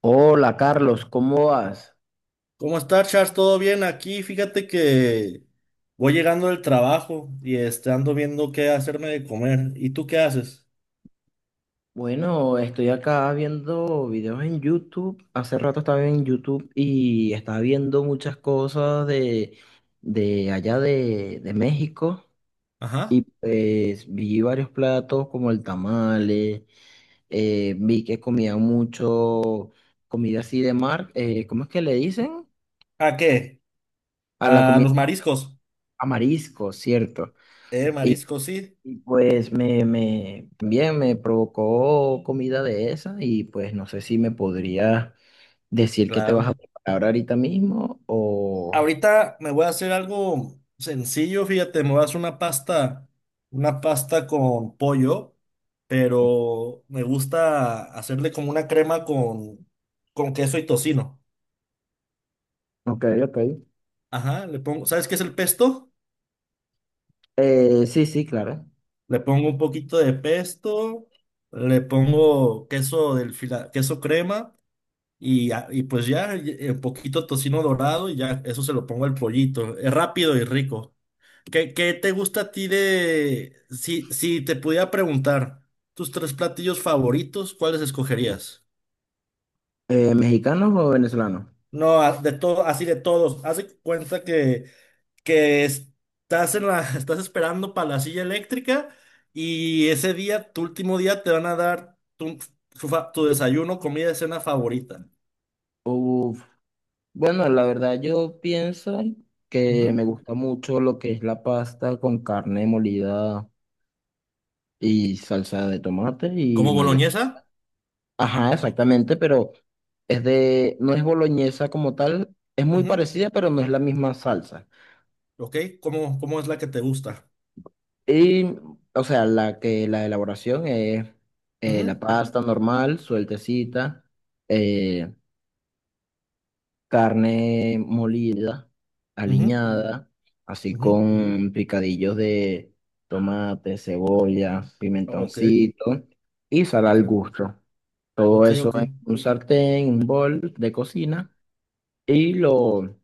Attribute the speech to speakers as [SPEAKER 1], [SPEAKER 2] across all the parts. [SPEAKER 1] Hola Carlos, ¿cómo vas?
[SPEAKER 2] ¿Cómo estás, Charles? ¿Todo bien? Aquí, fíjate que voy llegando del trabajo y ando viendo qué hacerme de comer. ¿Y tú qué haces?
[SPEAKER 1] Bueno, estoy acá viendo videos en YouTube. Hace rato estaba en YouTube y estaba viendo muchas cosas de allá de México. Y
[SPEAKER 2] Ajá.
[SPEAKER 1] pues vi varios platos como el tamale, vi que comían mucho comida así de mar. ¿Cómo es que le dicen?
[SPEAKER 2] ¿A qué?
[SPEAKER 1] A la
[SPEAKER 2] A
[SPEAKER 1] comida,
[SPEAKER 2] los mariscos.
[SPEAKER 1] a marisco, ¿cierto?
[SPEAKER 2] Mariscos, sí.
[SPEAKER 1] Y pues bien, me provocó comida de esa y pues no sé si me podría decir que te vas a
[SPEAKER 2] Claro.
[SPEAKER 1] preparar ahorita mismo o...
[SPEAKER 2] Ahorita me voy a hacer algo sencillo, fíjate, me voy a hacer una pasta con pollo, pero me gusta hacerle como una crema con queso y tocino.
[SPEAKER 1] Ok, ok.
[SPEAKER 2] Ajá, le pongo, ¿sabes qué es el pesto?
[SPEAKER 1] Sí, sí, claro.
[SPEAKER 2] Le pongo un poquito de pesto, le pongo queso queso crema y un poquito tocino dorado y ya eso se lo pongo al pollito. Es rápido y rico. ¿Qué te gusta a ti de... Si te pudiera preguntar tus tres platillos favoritos, ¿cuáles escogerías?
[SPEAKER 1] ¿Mexicanos o venezolanos?
[SPEAKER 2] No, de todo, así de todos. Haz de cuenta que estás en la, estás esperando para la silla eléctrica y ese día, tu último día, te van a dar tu desayuno, comida, cena favorita.
[SPEAKER 1] Uf, bueno, la verdad yo pienso que me
[SPEAKER 2] Ujú.
[SPEAKER 1] gusta mucho lo que es la pasta con carne molida y salsa de tomate y
[SPEAKER 2] ¿Como
[SPEAKER 1] mayo.
[SPEAKER 2] boloñesa?
[SPEAKER 1] Ajá, exactamente, pero es de, no es boloñesa como tal, es muy
[SPEAKER 2] Ujú.
[SPEAKER 1] parecida, pero no es la misma salsa.
[SPEAKER 2] Ok, ¿cómo es la que te gusta?
[SPEAKER 1] Y, o sea, la que la elaboración es la
[SPEAKER 2] Ujú,
[SPEAKER 1] pasta normal, sueltecita, eh, carne molida,
[SPEAKER 2] ujú,
[SPEAKER 1] aliñada, así
[SPEAKER 2] ujú.
[SPEAKER 1] con picadillos de tomate, cebolla,
[SPEAKER 2] Ok,
[SPEAKER 1] pimentoncito y sal
[SPEAKER 2] ok,
[SPEAKER 1] al gusto. Todo
[SPEAKER 2] ok,
[SPEAKER 1] eso
[SPEAKER 2] ok.
[SPEAKER 1] en un sartén, un bol de cocina y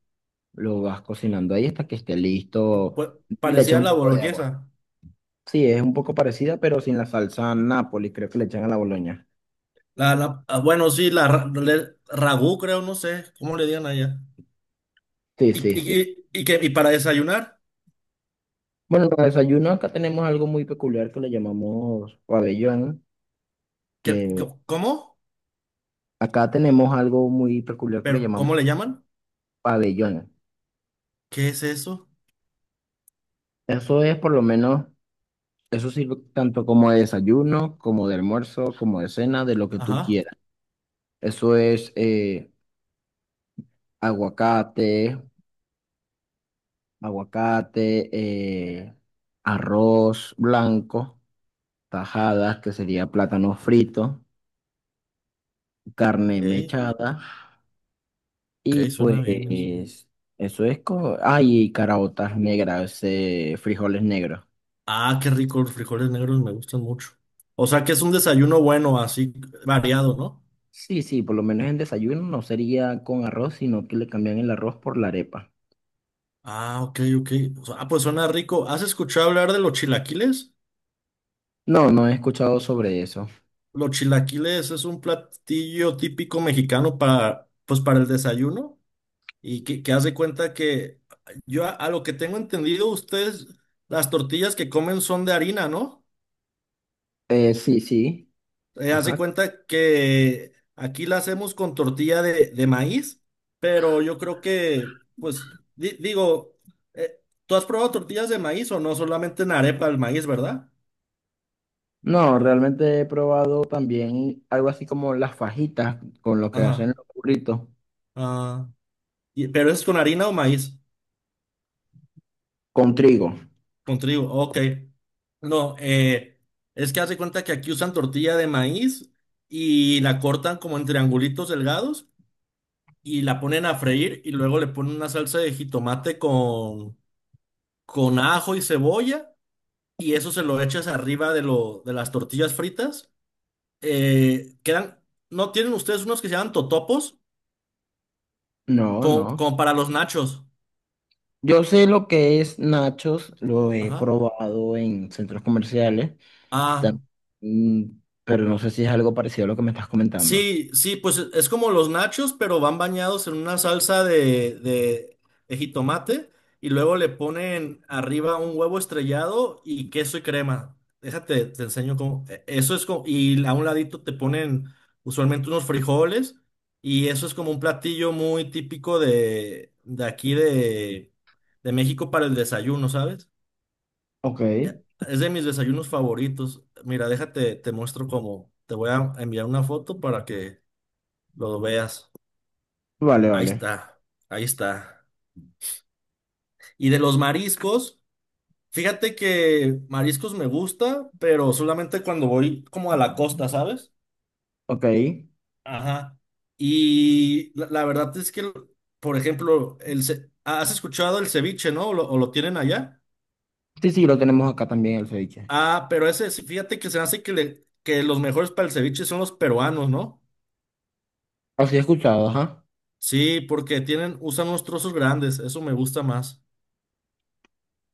[SPEAKER 1] lo vas cocinando ahí hasta que esté listo y le echas
[SPEAKER 2] Parecía
[SPEAKER 1] un
[SPEAKER 2] la
[SPEAKER 1] poco de agua.
[SPEAKER 2] boloñesa.
[SPEAKER 1] Sí, es un poco parecida, pero sin la salsa Nápoles, creo que le echan a la boloña.
[SPEAKER 2] Bueno, sí, ragú, creo, no sé, ¿cómo le digan allá?
[SPEAKER 1] Sí,
[SPEAKER 2] ¿Y,
[SPEAKER 1] sí, sí.
[SPEAKER 2] y, y, y qué- y para desayunar?
[SPEAKER 1] Bueno, para desayuno acá tenemos algo muy peculiar que le llamamos pabellón, que
[SPEAKER 2] ¿Cómo?
[SPEAKER 1] acá tenemos algo muy peculiar que le
[SPEAKER 2] ¿Pero
[SPEAKER 1] llamamos
[SPEAKER 2] cómo le llaman?
[SPEAKER 1] pabellón.
[SPEAKER 2] ¿Qué es eso?
[SPEAKER 1] Eso es por lo menos, eso sirve tanto como de desayuno, como de almuerzo, como de cena, de lo que tú
[SPEAKER 2] Ajá.
[SPEAKER 1] quieras. Eso es aguacate, aguacate, eh, arroz blanco, tajadas, que sería plátano frito, carne
[SPEAKER 2] Ok,
[SPEAKER 1] mechada, y
[SPEAKER 2] ok,
[SPEAKER 1] pues
[SPEAKER 2] suena bien eso.
[SPEAKER 1] eso es como, ay, y caraotas negras, frijoles negros.
[SPEAKER 2] Ah, qué rico, los frijoles negros me gustan mucho. O sea que es un desayuno bueno, así variado, ¿no?
[SPEAKER 1] Sí, sí, por lo menos en desayuno no sería con arroz, sino que le cambian el arroz por la arepa.
[SPEAKER 2] Ah, ok, ok. O sea, ah, pues suena rico. ¿Has escuchado hablar de los chilaquiles?
[SPEAKER 1] No, no he escuchado sobre eso.
[SPEAKER 2] Los chilaquiles es un platillo típico mexicano para, pues, para el desayuno. Y que haz de cuenta que yo a lo que tengo entendido, ustedes las tortillas que comen son de harina, ¿no?
[SPEAKER 1] Sí, sí.
[SPEAKER 2] Haz de
[SPEAKER 1] Ajá.
[SPEAKER 2] cuenta que aquí la hacemos con tortilla de maíz, pero yo creo que, pues, digo, ¿tú has probado tortillas de maíz o no? Solamente en arepa el maíz, ¿verdad?
[SPEAKER 1] No, realmente he probado también algo así como las fajitas con lo que hacen
[SPEAKER 2] Ajá.
[SPEAKER 1] los burritos.
[SPEAKER 2] Ah, pero es con harina o maíz.
[SPEAKER 1] Con trigo.
[SPEAKER 2] Con trigo, ok. No, es que hace cuenta que aquí usan tortilla de maíz y la cortan como en triangulitos delgados y la ponen a freír y luego le ponen una salsa de jitomate con ajo y cebolla y eso se lo echas arriba de las tortillas fritas. Quedan, ¿no tienen ustedes unos que se llaman totopos?
[SPEAKER 1] No,
[SPEAKER 2] Como,
[SPEAKER 1] no.
[SPEAKER 2] como para los nachos.
[SPEAKER 1] Yo sé lo que es nachos, lo he
[SPEAKER 2] Ajá.
[SPEAKER 1] probado en centros comerciales,
[SPEAKER 2] Ah.
[SPEAKER 1] tam- mm, pero no sé si es algo parecido a lo que me estás comentando.
[SPEAKER 2] Sí, sí, pues es como los nachos, pero van bañados en una salsa de jitomate y luego le ponen arriba un huevo estrellado y queso y crema. Déjate, te enseño cómo. Eso es como, y a un ladito te ponen usualmente unos frijoles y eso es como un platillo muy típico de aquí de México para el desayuno, ¿sabes?
[SPEAKER 1] Ok,
[SPEAKER 2] Es de mis desayunos favoritos. Mira, déjate, te muestro cómo. Te voy a enviar una foto para que lo veas.
[SPEAKER 1] vale,
[SPEAKER 2] Ahí
[SPEAKER 1] vale.
[SPEAKER 2] está, ahí está. Y de los mariscos, fíjate que mariscos me gusta, pero solamente cuando voy como a la costa, ¿sabes?
[SPEAKER 1] Ok.
[SPEAKER 2] Ajá. Y la verdad es que, por ejemplo, ¿has escuchado el ceviche, no? O lo tienen allá?
[SPEAKER 1] Sí, sí, lo tenemos acá también el ceviche.
[SPEAKER 2] Ah, pero ese, sí, fíjate que se me hace que los mejores para el ceviche son los peruanos, ¿no?
[SPEAKER 1] Así he escuchado, ajá.
[SPEAKER 2] Sí, porque tienen, usan unos trozos grandes, eso me gusta más.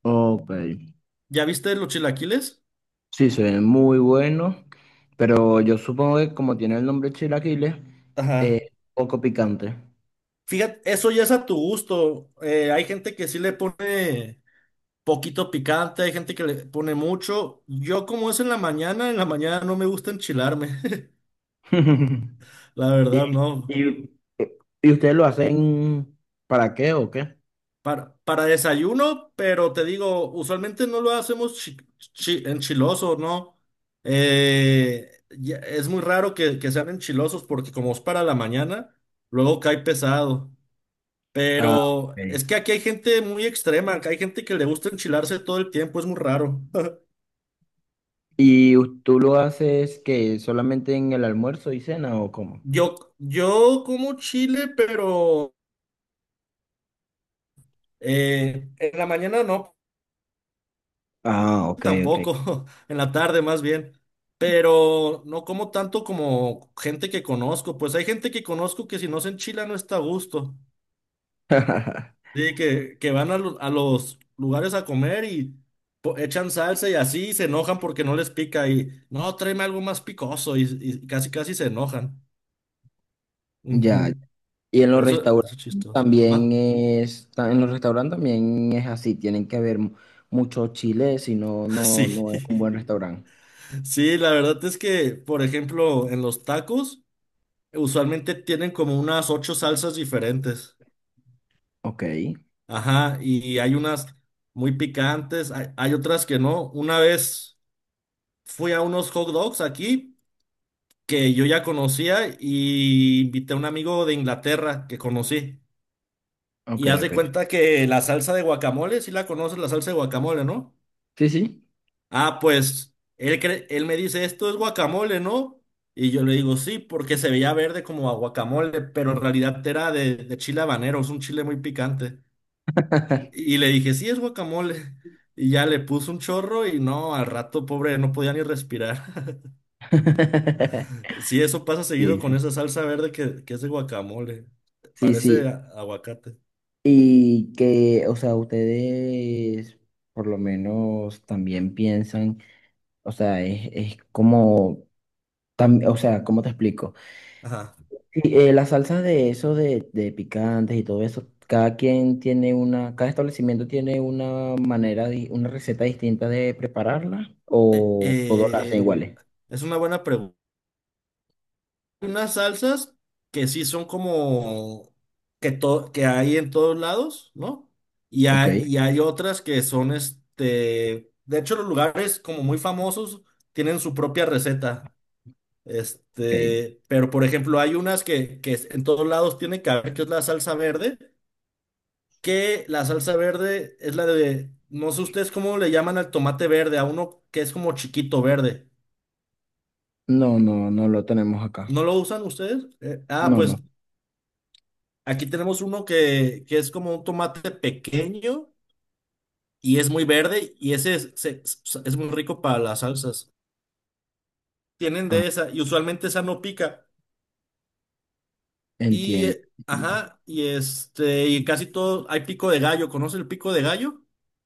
[SPEAKER 1] Ok.
[SPEAKER 2] ¿Ya viste los chilaquiles?
[SPEAKER 1] Sí, se ve muy bueno, pero yo supongo que como tiene el nombre chilaquiles, es
[SPEAKER 2] Ajá.
[SPEAKER 1] poco picante.
[SPEAKER 2] Fíjate, eso ya es a tu gusto. Hay gente que sí le pone poquito picante, hay gente que le pone mucho. Yo como es en la mañana no me gusta enchilarme. La
[SPEAKER 1] ¿Y,
[SPEAKER 2] verdad, no.
[SPEAKER 1] y, y ustedes lo hacen para qué o qué?
[SPEAKER 2] Para desayuno, pero te digo, usualmente no lo hacemos enchiloso, ¿no? Es muy raro que sean enchilosos porque como es para la mañana, luego cae pesado.
[SPEAKER 1] Ah,
[SPEAKER 2] Pero
[SPEAKER 1] ok.
[SPEAKER 2] es que aquí hay gente muy extrema, que hay gente que le gusta enchilarse todo el tiempo, es muy raro.
[SPEAKER 1] ¿Y us- tú lo haces que solamente en el almuerzo y cena o cómo?
[SPEAKER 2] Yo como chile, pero en la mañana no,
[SPEAKER 1] Ah, ok, ok.
[SPEAKER 2] tampoco, en la tarde más bien. Pero no como tanto como gente que conozco, pues hay gente que conozco que si no se enchila no está a gusto. Sí, que van a, a los lugares a comer y echan salsa y así y se enojan porque no les pica y no, tráeme algo más picoso y casi casi se enojan. Ujú.
[SPEAKER 1] Ya. Y en los
[SPEAKER 2] Eso
[SPEAKER 1] restaurantes
[SPEAKER 2] es chistoso. Ma-
[SPEAKER 1] en los restaurantes también es así, tienen que haber mu- mucho chile, si no, no,
[SPEAKER 2] Sí,
[SPEAKER 1] no es un buen restaurante.
[SPEAKER 2] sí, la verdad es que, por ejemplo, en los tacos usualmente tienen como unas 8 salsas diferentes.
[SPEAKER 1] Ok,
[SPEAKER 2] Ajá, y hay unas muy picantes, hay otras que no. Una vez fui a unos hot dogs aquí, que yo ya conocía y invité a un amigo de Inglaterra que conocí.
[SPEAKER 1] ok,
[SPEAKER 2] Y haz de
[SPEAKER 1] ok.
[SPEAKER 2] cuenta que la salsa de guacamole, sí la conoces, la salsa de guacamole, ¿no?
[SPEAKER 1] Sí, sí.
[SPEAKER 2] Ah, pues él me dice, esto es guacamole, ¿no? Y yo le digo, sí, porque se veía verde como a guacamole, pero en realidad era de chile habanero, es un chile muy picante. Y le dije, sí, es guacamole. Y ya le puse un chorro y no, al rato, pobre, no podía ni respirar. Sí, eso pasa seguido con
[SPEAKER 1] Sí,
[SPEAKER 2] esa salsa verde que es de guacamole.
[SPEAKER 1] sí,
[SPEAKER 2] Parece
[SPEAKER 1] sí.
[SPEAKER 2] aguacate.
[SPEAKER 1] Y que, o sea, ustedes por lo menos también piensan, o sea, es como, o sea, ¿cómo te explico?
[SPEAKER 2] Ajá.
[SPEAKER 1] Y, las salsas de eso, de picantes y todo eso, cada quien tiene una, cada establecimiento tiene una manera, una receta distinta de prepararla,
[SPEAKER 2] Eh,
[SPEAKER 1] o todas las hacen
[SPEAKER 2] eh,
[SPEAKER 1] iguales.
[SPEAKER 2] es una buena pregunta. Hay unas salsas que sí son como que hay en todos lados, ¿no? Y
[SPEAKER 1] Ok,
[SPEAKER 2] hay, y hay otras que son este. De hecho, los lugares como muy famosos tienen su propia receta.
[SPEAKER 1] ok.
[SPEAKER 2] Este, pero por ejemplo, hay unas que en todos lados tienen que haber, que es la salsa verde. Que la salsa verde es la de, no sé ustedes cómo le llaman al tomate verde, a uno que es como chiquito verde.
[SPEAKER 1] No, no, no lo tenemos acá.
[SPEAKER 2] ¿No lo usan ustedes? Ah,
[SPEAKER 1] No,
[SPEAKER 2] pues
[SPEAKER 1] no.
[SPEAKER 2] aquí tenemos uno que es como un tomate pequeño y es muy verde y ese es, es muy rico para las salsas. Tienen
[SPEAKER 1] Ah,
[SPEAKER 2] de esa y usualmente esa no pica. Y,
[SPEAKER 1] entiendo.
[SPEAKER 2] ajá, y este, y casi todo, hay pico de gallo, ¿conoce el pico de gallo?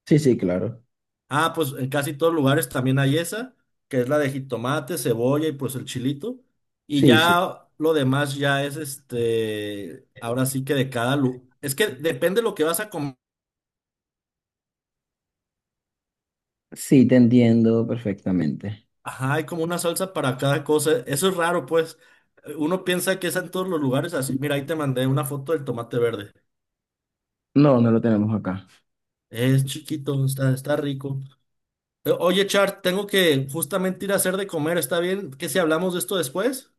[SPEAKER 1] Sí, sí, claro.
[SPEAKER 2] Ah, pues en casi todos lugares también hay esa, que es la de jitomate, cebolla y pues el chilito. Y
[SPEAKER 1] Sí, sí.
[SPEAKER 2] ya lo demás ya es este, ahora sí que de cada lu, es que depende lo que vas a comer.
[SPEAKER 1] Sí, te entiendo perfectamente.
[SPEAKER 2] Ajá, hay como una salsa para cada cosa. Eso es raro, pues. Uno piensa que es en todos los lugares así. Mira, ahí te mandé una foto del tomate verde.
[SPEAKER 1] No, no lo tenemos acá.
[SPEAKER 2] Es chiquito, está, está rico. Oye, Char, tengo que justamente ir a hacer de comer. ¿Está bien que si hablamos de esto después?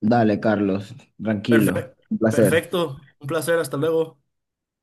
[SPEAKER 1] Dale, Carlos, tranquilo.
[SPEAKER 2] Perfecto,
[SPEAKER 1] Un placer.
[SPEAKER 2] perfecto. Un placer, hasta luego.